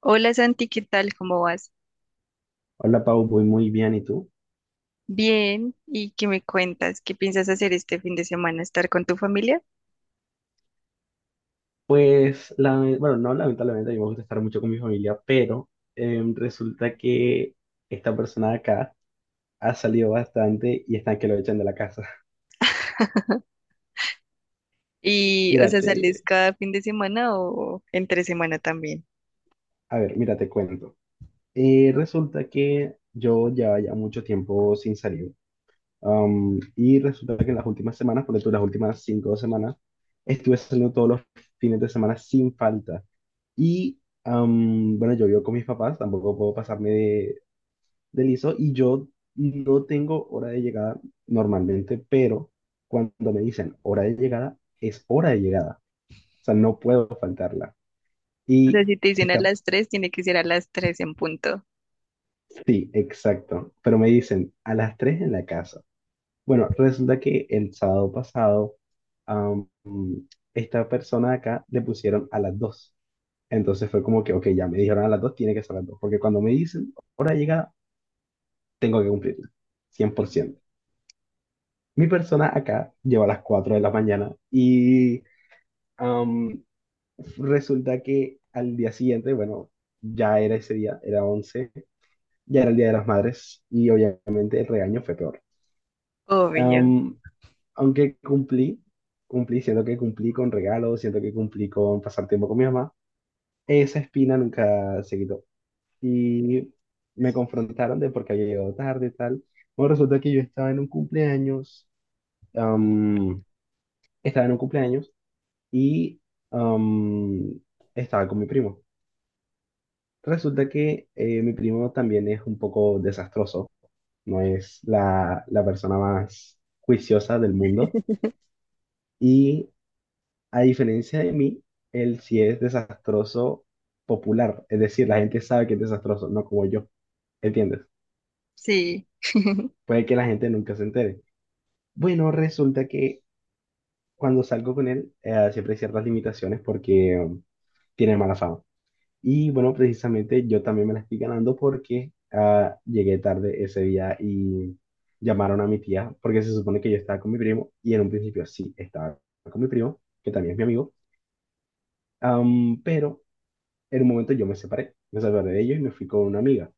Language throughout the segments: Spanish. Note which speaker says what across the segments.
Speaker 1: Hola Santi, ¿qué tal? ¿Cómo vas?
Speaker 2: Hola Pau, voy muy bien, ¿y tú?
Speaker 1: Bien, ¿y qué me cuentas? ¿Qué piensas hacer este fin de semana? ¿Estar con tu familia?
Speaker 2: Pues, bueno, no, lamentablemente. A mí me gusta estar mucho con mi familia, pero resulta que esta persona de acá ha salido bastante y están que lo echan de la casa.
Speaker 1: Y, o sea,
Speaker 2: Mírate,
Speaker 1: ¿sales cada fin de semana o entre semana también?
Speaker 2: a ver, mira, te cuento. Resulta que yo llevaba ya mucho tiempo sin salir. Y resulta que en las últimas semanas, las últimas 5 semanas, estuve saliendo todos los fines de semana sin falta. Y, bueno, yo vivo con mis papás, tampoco puedo pasarme de Listo, y yo no tengo hora de llegada normalmente, pero cuando me dicen hora de llegada, es hora de llegada. O sea, no puedo faltarla.
Speaker 1: O sea,
Speaker 2: Y
Speaker 1: si te dicen a
Speaker 2: está,
Speaker 1: las tres, tiene que ser a las tres en punto.
Speaker 2: sí, exacto. Pero me dicen a las 3 en la casa. Bueno, resulta que el sábado pasado, am, esta persona acá le pusieron a las 2. Entonces fue como que, ok, ya me dijeron a las 2, tiene que ser a las 2. Porque cuando me dicen hora de llegada, tengo que cumplirla. 100%. Mi persona acá llegó a las 4 de la mañana y, am, resulta que al día siguiente, bueno, ya era ese día, era 11, ya era el Día de las Madres, y obviamente el regaño fue peor.
Speaker 1: Obvio,
Speaker 2: Am, Aunque cumplí, cumplí, siento que cumplí con regalos, siento que cumplí con pasar tiempo con mi mamá, esa espina nunca se quitó. Y me confrontaron de por qué había llegado tarde y tal. Bueno, resulta que yo estaba en un cumpleaños, am, estaba en un cumpleaños y, am, estaba con mi primo. Resulta que mi primo también es un poco desastroso, no es la persona más juiciosa del mundo y, a diferencia de mí, él sí es desastroso popular, es decir, la gente sabe que es desastroso, no como yo, ¿entiendes?
Speaker 1: sí.
Speaker 2: Puede que la gente nunca se entere. Bueno, resulta que cuando salgo con él, siempre hay ciertas limitaciones porque tiene mala fama. Y bueno, precisamente yo también me la estoy ganando porque llegué tarde ese día, y llamaron a mi tía porque se supone que yo estaba con mi primo, y en un principio sí estaba con mi primo, que también es mi amigo, pero en un momento yo me separé de ellos y me fui con una amiga.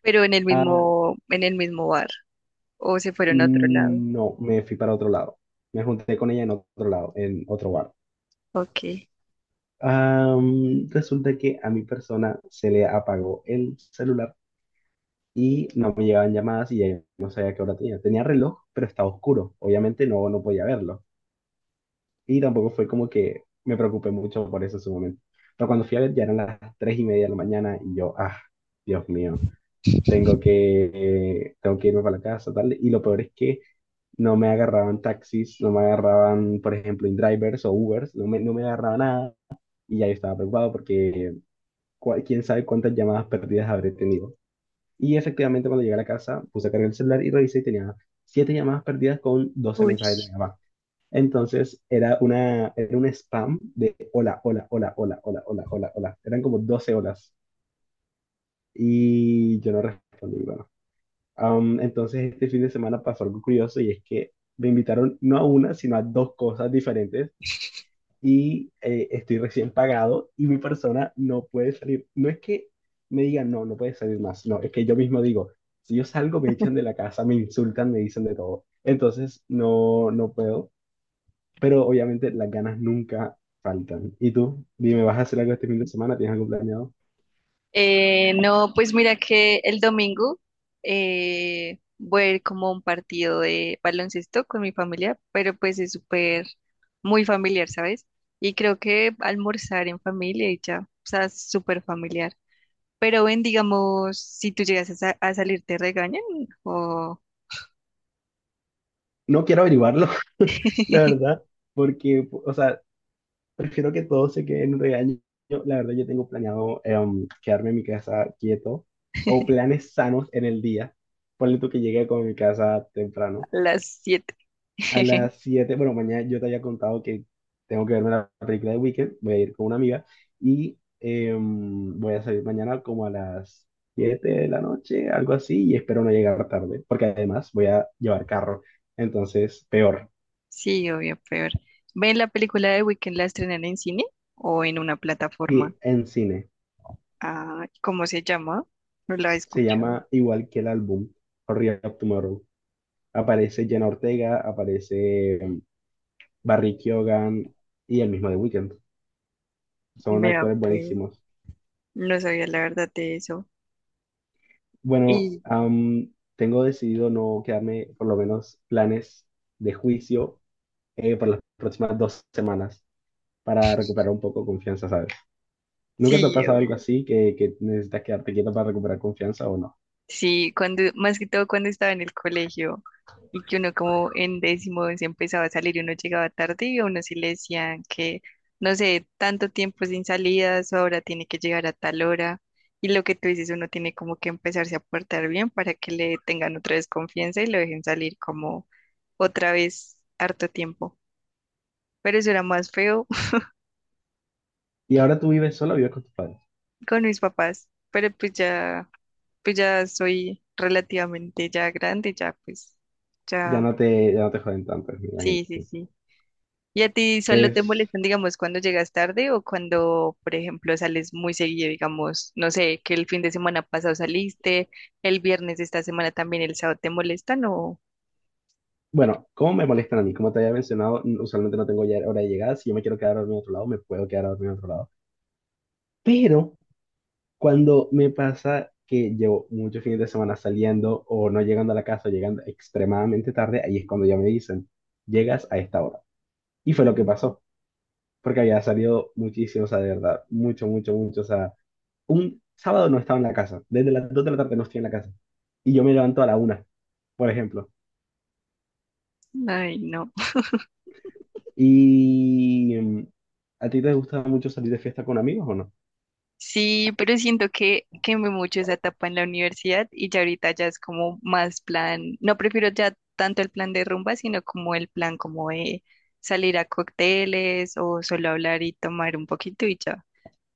Speaker 1: Pero en el
Speaker 2: Ah,
Speaker 1: mismo, en el mismo bar. O se fueron a otro lado.
Speaker 2: no, me fui para otro lado, me junté con ella en otro lado, en otro bar.
Speaker 1: Ok.
Speaker 2: Resulta que a mi persona se le apagó el celular y no me llegaban llamadas y ya yo no sabía qué hora tenía. Tenía reloj, pero estaba oscuro. Obviamente no, no podía verlo. Y tampoco fue como que me preocupé mucho por eso en su momento. Pero cuando fui a ver ya eran las 3:30 de la mañana y yo, ah, Dios mío, tengo que irme para la casa, tal. Y lo peor es que no me agarraban taxis, no me agarraban, por ejemplo, InDrivers o Ubers, no me, no me agarraba nada. Y ya yo estaba preocupado porque quién sabe cuántas llamadas perdidas habré tenido. Y efectivamente, cuando llegué a la casa, puse a cargar el celular y revisé y tenía siete llamadas perdidas con doce
Speaker 1: Uy.
Speaker 2: mensajes de mi mamá. Entonces, era una, era un spam de hola, hola, hola, hola, hola, hola, hola, hola. Eran como 12 horas. Y yo no respondí, bueno. Entonces, este fin de semana pasó algo curioso, y es que me invitaron no a una, sino a dos cosas diferentes, y estoy recién pagado, y mi persona no puede salir. No es que me digan, no, no puede salir más, no, es que yo mismo digo, si yo salgo me echan de la casa, me insultan, me dicen de todo. Entonces, no, no puedo, pero obviamente las ganas nunca faltan. ¿Y tú? Dime, ¿vas a hacer algo este fin de semana? ¿Tienes algo planeado?
Speaker 1: No, pues mira que el domingo voy a ir como a un partido de baloncesto con mi familia, pero pues es súper, muy familiar, ¿sabes? Y creo que almorzar en familia y ya, o sea, es súper familiar. Pero ven, digamos, si tú llegas a salir, ¿te regañan? O
Speaker 2: No quiero averiguarlo, la verdad, porque, o sea, prefiero que todo se quede en un regaño. Yo, la verdad, yo tengo planeado, quedarme en mi casa quieto o planes sanos en el día. Ponle tú que llegue con mi casa
Speaker 1: a
Speaker 2: temprano.
Speaker 1: las 7.
Speaker 2: A las siete bueno, mañana yo te había contado que tengo que verme la película de Weekend. Voy a ir con una amiga, y voy a salir mañana como a las 7 de la noche, algo así, y espero no llegar tarde, porque además voy a llevar carro. Entonces, peor.
Speaker 1: Sí, obvio, peor. ¿Ven la película de Weekend la estrenan en cine o en una
Speaker 2: Y
Speaker 1: plataforma?
Speaker 2: en cine.
Speaker 1: Ah, ¿cómo se llama? No la he
Speaker 2: Se
Speaker 1: escuchado.
Speaker 2: llama igual que el álbum, Hurry Up Tomorrow. Aparece Jenna Ortega, aparece Barry Keoghan, y el mismo The Weeknd. Son
Speaker 1: Vea,
Speaker 2: actores
Speaker 1: pues,
Speaker 2: buenísimos.
Speaker 1: no sabía la verdad de eso.
Speaker 2: Bueno,
Speaker 1: Y
Speaker 2: tengo decidido no quedarme, por lo menos, planes de juicio, por las próximas 2 semanas, para recuperar un poco confianza, ¿sabes? ¿Nunca te ha
Speaker 1: sí,
Speaker 2: pasado algo
Speaker 1: obvio.
Speaker 2: así que necesitas quedarte quieto para recuperar confianza o no?
Speaker 1: Sí, más que todo cuando estaba en el colegio y que uno como en décimo se empezaba a salir y uno llegaba tarde y a uno sí le decían que, no sé, tanto tiempo sin salidas, ahora tiene que llegar a tal hora. Y lo que tú dices, uno tiene como que empezarse a portar bien para que le tengan otra vez confianza y lo dejen salir como otra vez harto tiempo. Pero eso era más feo
Speaker 2: Y ahora tú vives solo, vives con tus padres.
Speaker 1: con mis papás, pero pues ya soy relativamente ya grande, ya pues, ya,
Speaker 2: Ya no te joden tanto, me imagino.
Speaker 1: sí, sí, sí. ¿Y a ti solo te
Speaker 2: Pues,
Speaker 1: molestan, digamos, cuando llegas tarde o cuando, por ejemplo, sales muy seguido, digamos, no sé, que el fin de semana pasado saliste, el viernes de esta semana también, el sábado te molestan o,
Speaker 2: bueno, ¿cómo me molestan a mí? Como te había mencionado, usualmente no tengo ya hora de llegada. Si yo me quiero quedar a dormir en otro lado, me puedo quedar a dormir en otro lado. Pero cuando me pasa que llevo muchos fines de semana saliendo o no llegando a la casa, llegando extremadamente tarde, ahí es cuando ya me dicen, llegas a esta hora. Y fue lo que pasó, porque había salido muchísimo, o sea, de verdad, mucho, mucho, mucho. O sea, un sábado no estaba en la casa. Desde las 2 de la tarde no estoy en la casa. Y yo me levanto a la 1, por ejemplo.
Speaker 1: ay, no.
Speaker 2: ¿Y a ti te gusta mucho salir de fiesta con amigos o no?
Speaker 1: Sí, pero siento que quemé mucho esa etapa en la universidad y ya ahorita ya es como más plan, no prefiero ya tanto el plan de rumba, sino como el plan como de salir a cócteles o solo hablar y tomar un poquito y ya.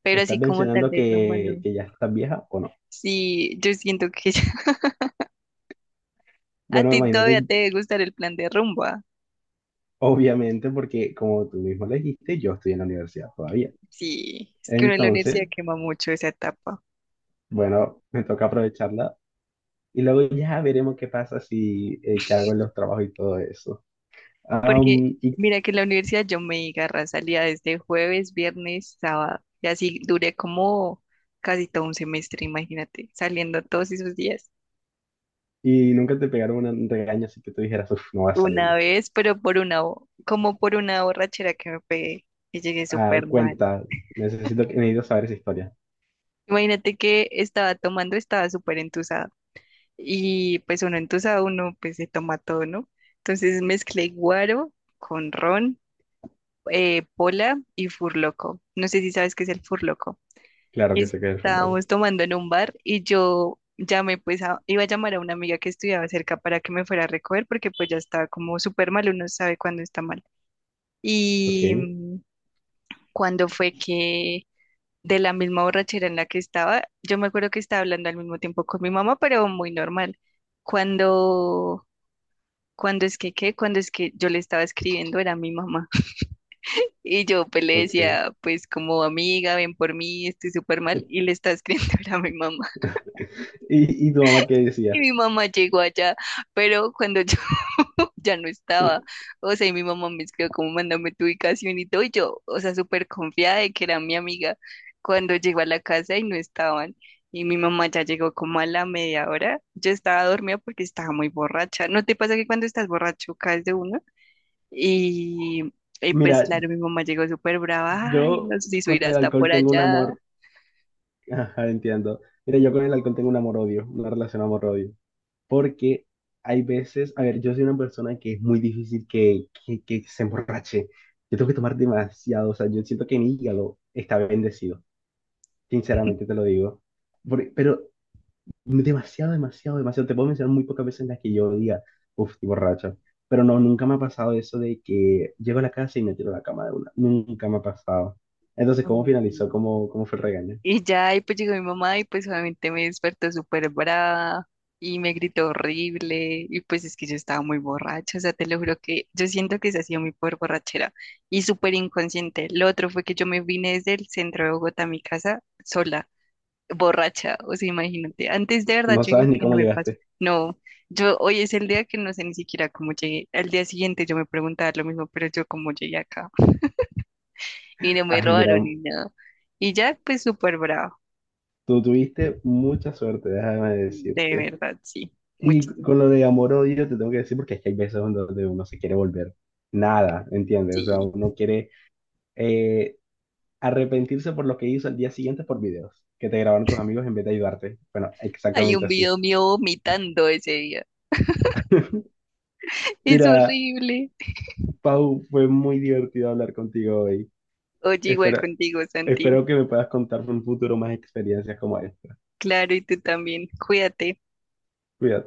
Speaker 1: Pero
Speaker 2: ¿Estás
Speaker 1: así como tal
Speaker 2: mencionando
Speaker 1: de rumba no.
Speaker 2: que ya estás vieja o no?
Speaker 1: Sí, yo siento que a
Speaker 2: Bueno,
Speaker 1: ti todavía
Speaker 2: imagínate,
Speaker 1: te debe gustar el plan de rumba.
Speaker 2: obviamente, porque como tú mismo le dijiste, yo estoy en la universidad todavía.
Speaker 1: Sí, es que uno en la universidad
Speaker 2: Entonces,
Speaker 1: quema mucho esa etapa.
Speaker 2: bueno, me toca aprovecharla y luego ya veremos qué pasa si, qué hago en los trabajos y todo eso.
Speaker 1: Porque
Speaker 2: Y,
Speaker 1: mira que en la universidad yo me agarra salía desde jueves, viernes, sábado. Y así duré como casi todo un semestre, imagínate, saliendo todos esos días.
Speaker 2: y nunca te pegaron un regaño así que tú dijeras, uff, no va a salir
Speaker 1: Una
Speaker 2: más.
Speaker 1: vez, pero por como por una borrachera que me pegué y llegué
Speaker 2: Ah,
Speaker 1: súper mal.
Speaker 2: cuenta, necesito, necesito saber esa historia.
Speaker 1: Imagínate que estaba tomando, estaba súper entusado. Y pues uno entusado, uno pues se toma todo, ¿no? Entonces mezclé guaro con ron, pola y furloco. No sé si sabes qué es el furloco.
Speaker 2: Claro que sé que es el fotógrafo.
Speaker 1: Estábamos tomando en un bar y yo llamé, pues iba a llamar a una amiga que estudiaba cerca para que me fuera a recoger porque pues ya estaba como súper mal, uno sabe cuándo está mal.
Speaker 2: Ok,
Speaker 1: Y cuando fue que de la misma borrachera en la que estaba, yo me acuerdo que estaba hablando al mismo tiempo con mi mamá, pero muy normal. Cuando, cuando es que, ¿qué? Cuando es que yo le estaba escribiendo era mi mamá. Y yo pues le
Speaker 2: ok.
Speaker 1: decía, pues como amiga, ven por mí, estoy súper mal, y le estaba escribiendo era mi mamá.
Speaker 2: ¿Y, y tu mamá qué
Speaker 1: Y
Speaker 2: decía?
Speaker 1: mi mamá llegó allá, pero cuando yo ya no estaba, o sea, y mi mamá me escribió como mándame tu ubicación y todo, y yo, o sea, súper confiada de que era mi amiga, cuando llegó a la casa y no estaban, y mi mamá ya llegó como a la media hora, yo estaba dormida porque estaba muy borracha, ¿no te pasa que cuando estás borracho caes de uno? Y, y pues
Speaker 2: Mira,
Speaker 1: claro, mi mamá llegó súper brava, ay,
Speaker 2: yo
Speaker 1: nos hizo
Speaker 2: con
Speaker 1: ir
Speaker 2: el
Speaker 1: hasta
Speaker 2: alcohol
Speaker 1: por
Speaker 2: tengo un
Speaker 1: allá.
Speaker 2: amor, ajá, entiendo. Mira, yo con el alcohol tengo un amor-odio, una relación amor-odio, porque hay veces, a ver, yo soy una persona que es muy difícil que, que se emborrache. Yo tengo que tomar demasiado, o sea, yo siento que mi hígado está bendecido, sinceramente te lo digo. Pero demasiado, demasiado, demasiado. Te puedo mencionar muy pocas veces en las que yo diga, uff, estoy borracho. Pero no, nunca me ha pasado eso de que llego a la casa y me tiro a la cama de una. Nunca me ha pasado. Entonces, ¿cómo
Speaker 1: Ay,
Speaker 2: finalizó?
Speaker 1: sí.
Speaker 2: ¿Cómo, cómo fue el regaño?
Speaker 1: Y ya, y pues llegó mi mamá y pues obviamente me despertó súper brava y me gritó horrible y pues es que yo estaba muy borracha, o sea, te lo juro que yo siento que esa ha sido mi peor borrachera y súper inconsciente. Lo otro fue que yo me vine desde el centro de Bogotá a mi casa sola, borracha, o sea, imagínate. Antes de verdad
Speaker 2: No
Speaker 1: yo
Speaker 2: sabes
Speaker 1: digo
Speaker 2: ni
Speaker 1: que
Speaker 2: cómo
Speaker 1: no me pasa,
Speaker 2: llegaste.
Speaker 1: no, yo hoy es el día que no sé ni siquiera cómo llegué. Al día siguiente yo me preguntaba lo mismo, pero yo cómo llegué acá y no me
Speaker 2: Ay, mira,
Speaker 1: robaron ni nada. Y ya, pues súper brava.
Speaker 2: tú tuviste mucha suerte, déjame
Speaker 1: De
Speaker 2: decirte.
Speaker 1: verdad, sí,
Speaker 2: Y con
Speaker 1: muchísimo.
Speaker 2: lo de amor-odio te tengo que decir porque es que hay veces en donde uno se quiere volver nada, ¿entiendes? O sea,
Speaker 1: Sí,
Speaker 2: uno quiere, eh, arrepentirse por lo que hizo al día siguiente por videos que te grabaron tus amigos en vez de ayudarte. Bueno,
Speaker 1: hay un
Speaker 2: exactamente así.
Speaker 1: video mío vomitando ese día. Es
Speaker 2: Mira,
Speaker 1: horrible.
Speaker 2: Pau, fue muy divertido hablar contigo hoy.
Speaker 1: Oye, igual
Speaker 2: Espero,
Speaker 1: contigo, Santi.
Speaker 2: espero que me puedas contar en un futuro más experiencias como esta.
Speaker 1: Claro, y tú también. Cuídate.
Speaker 2: Cuídate.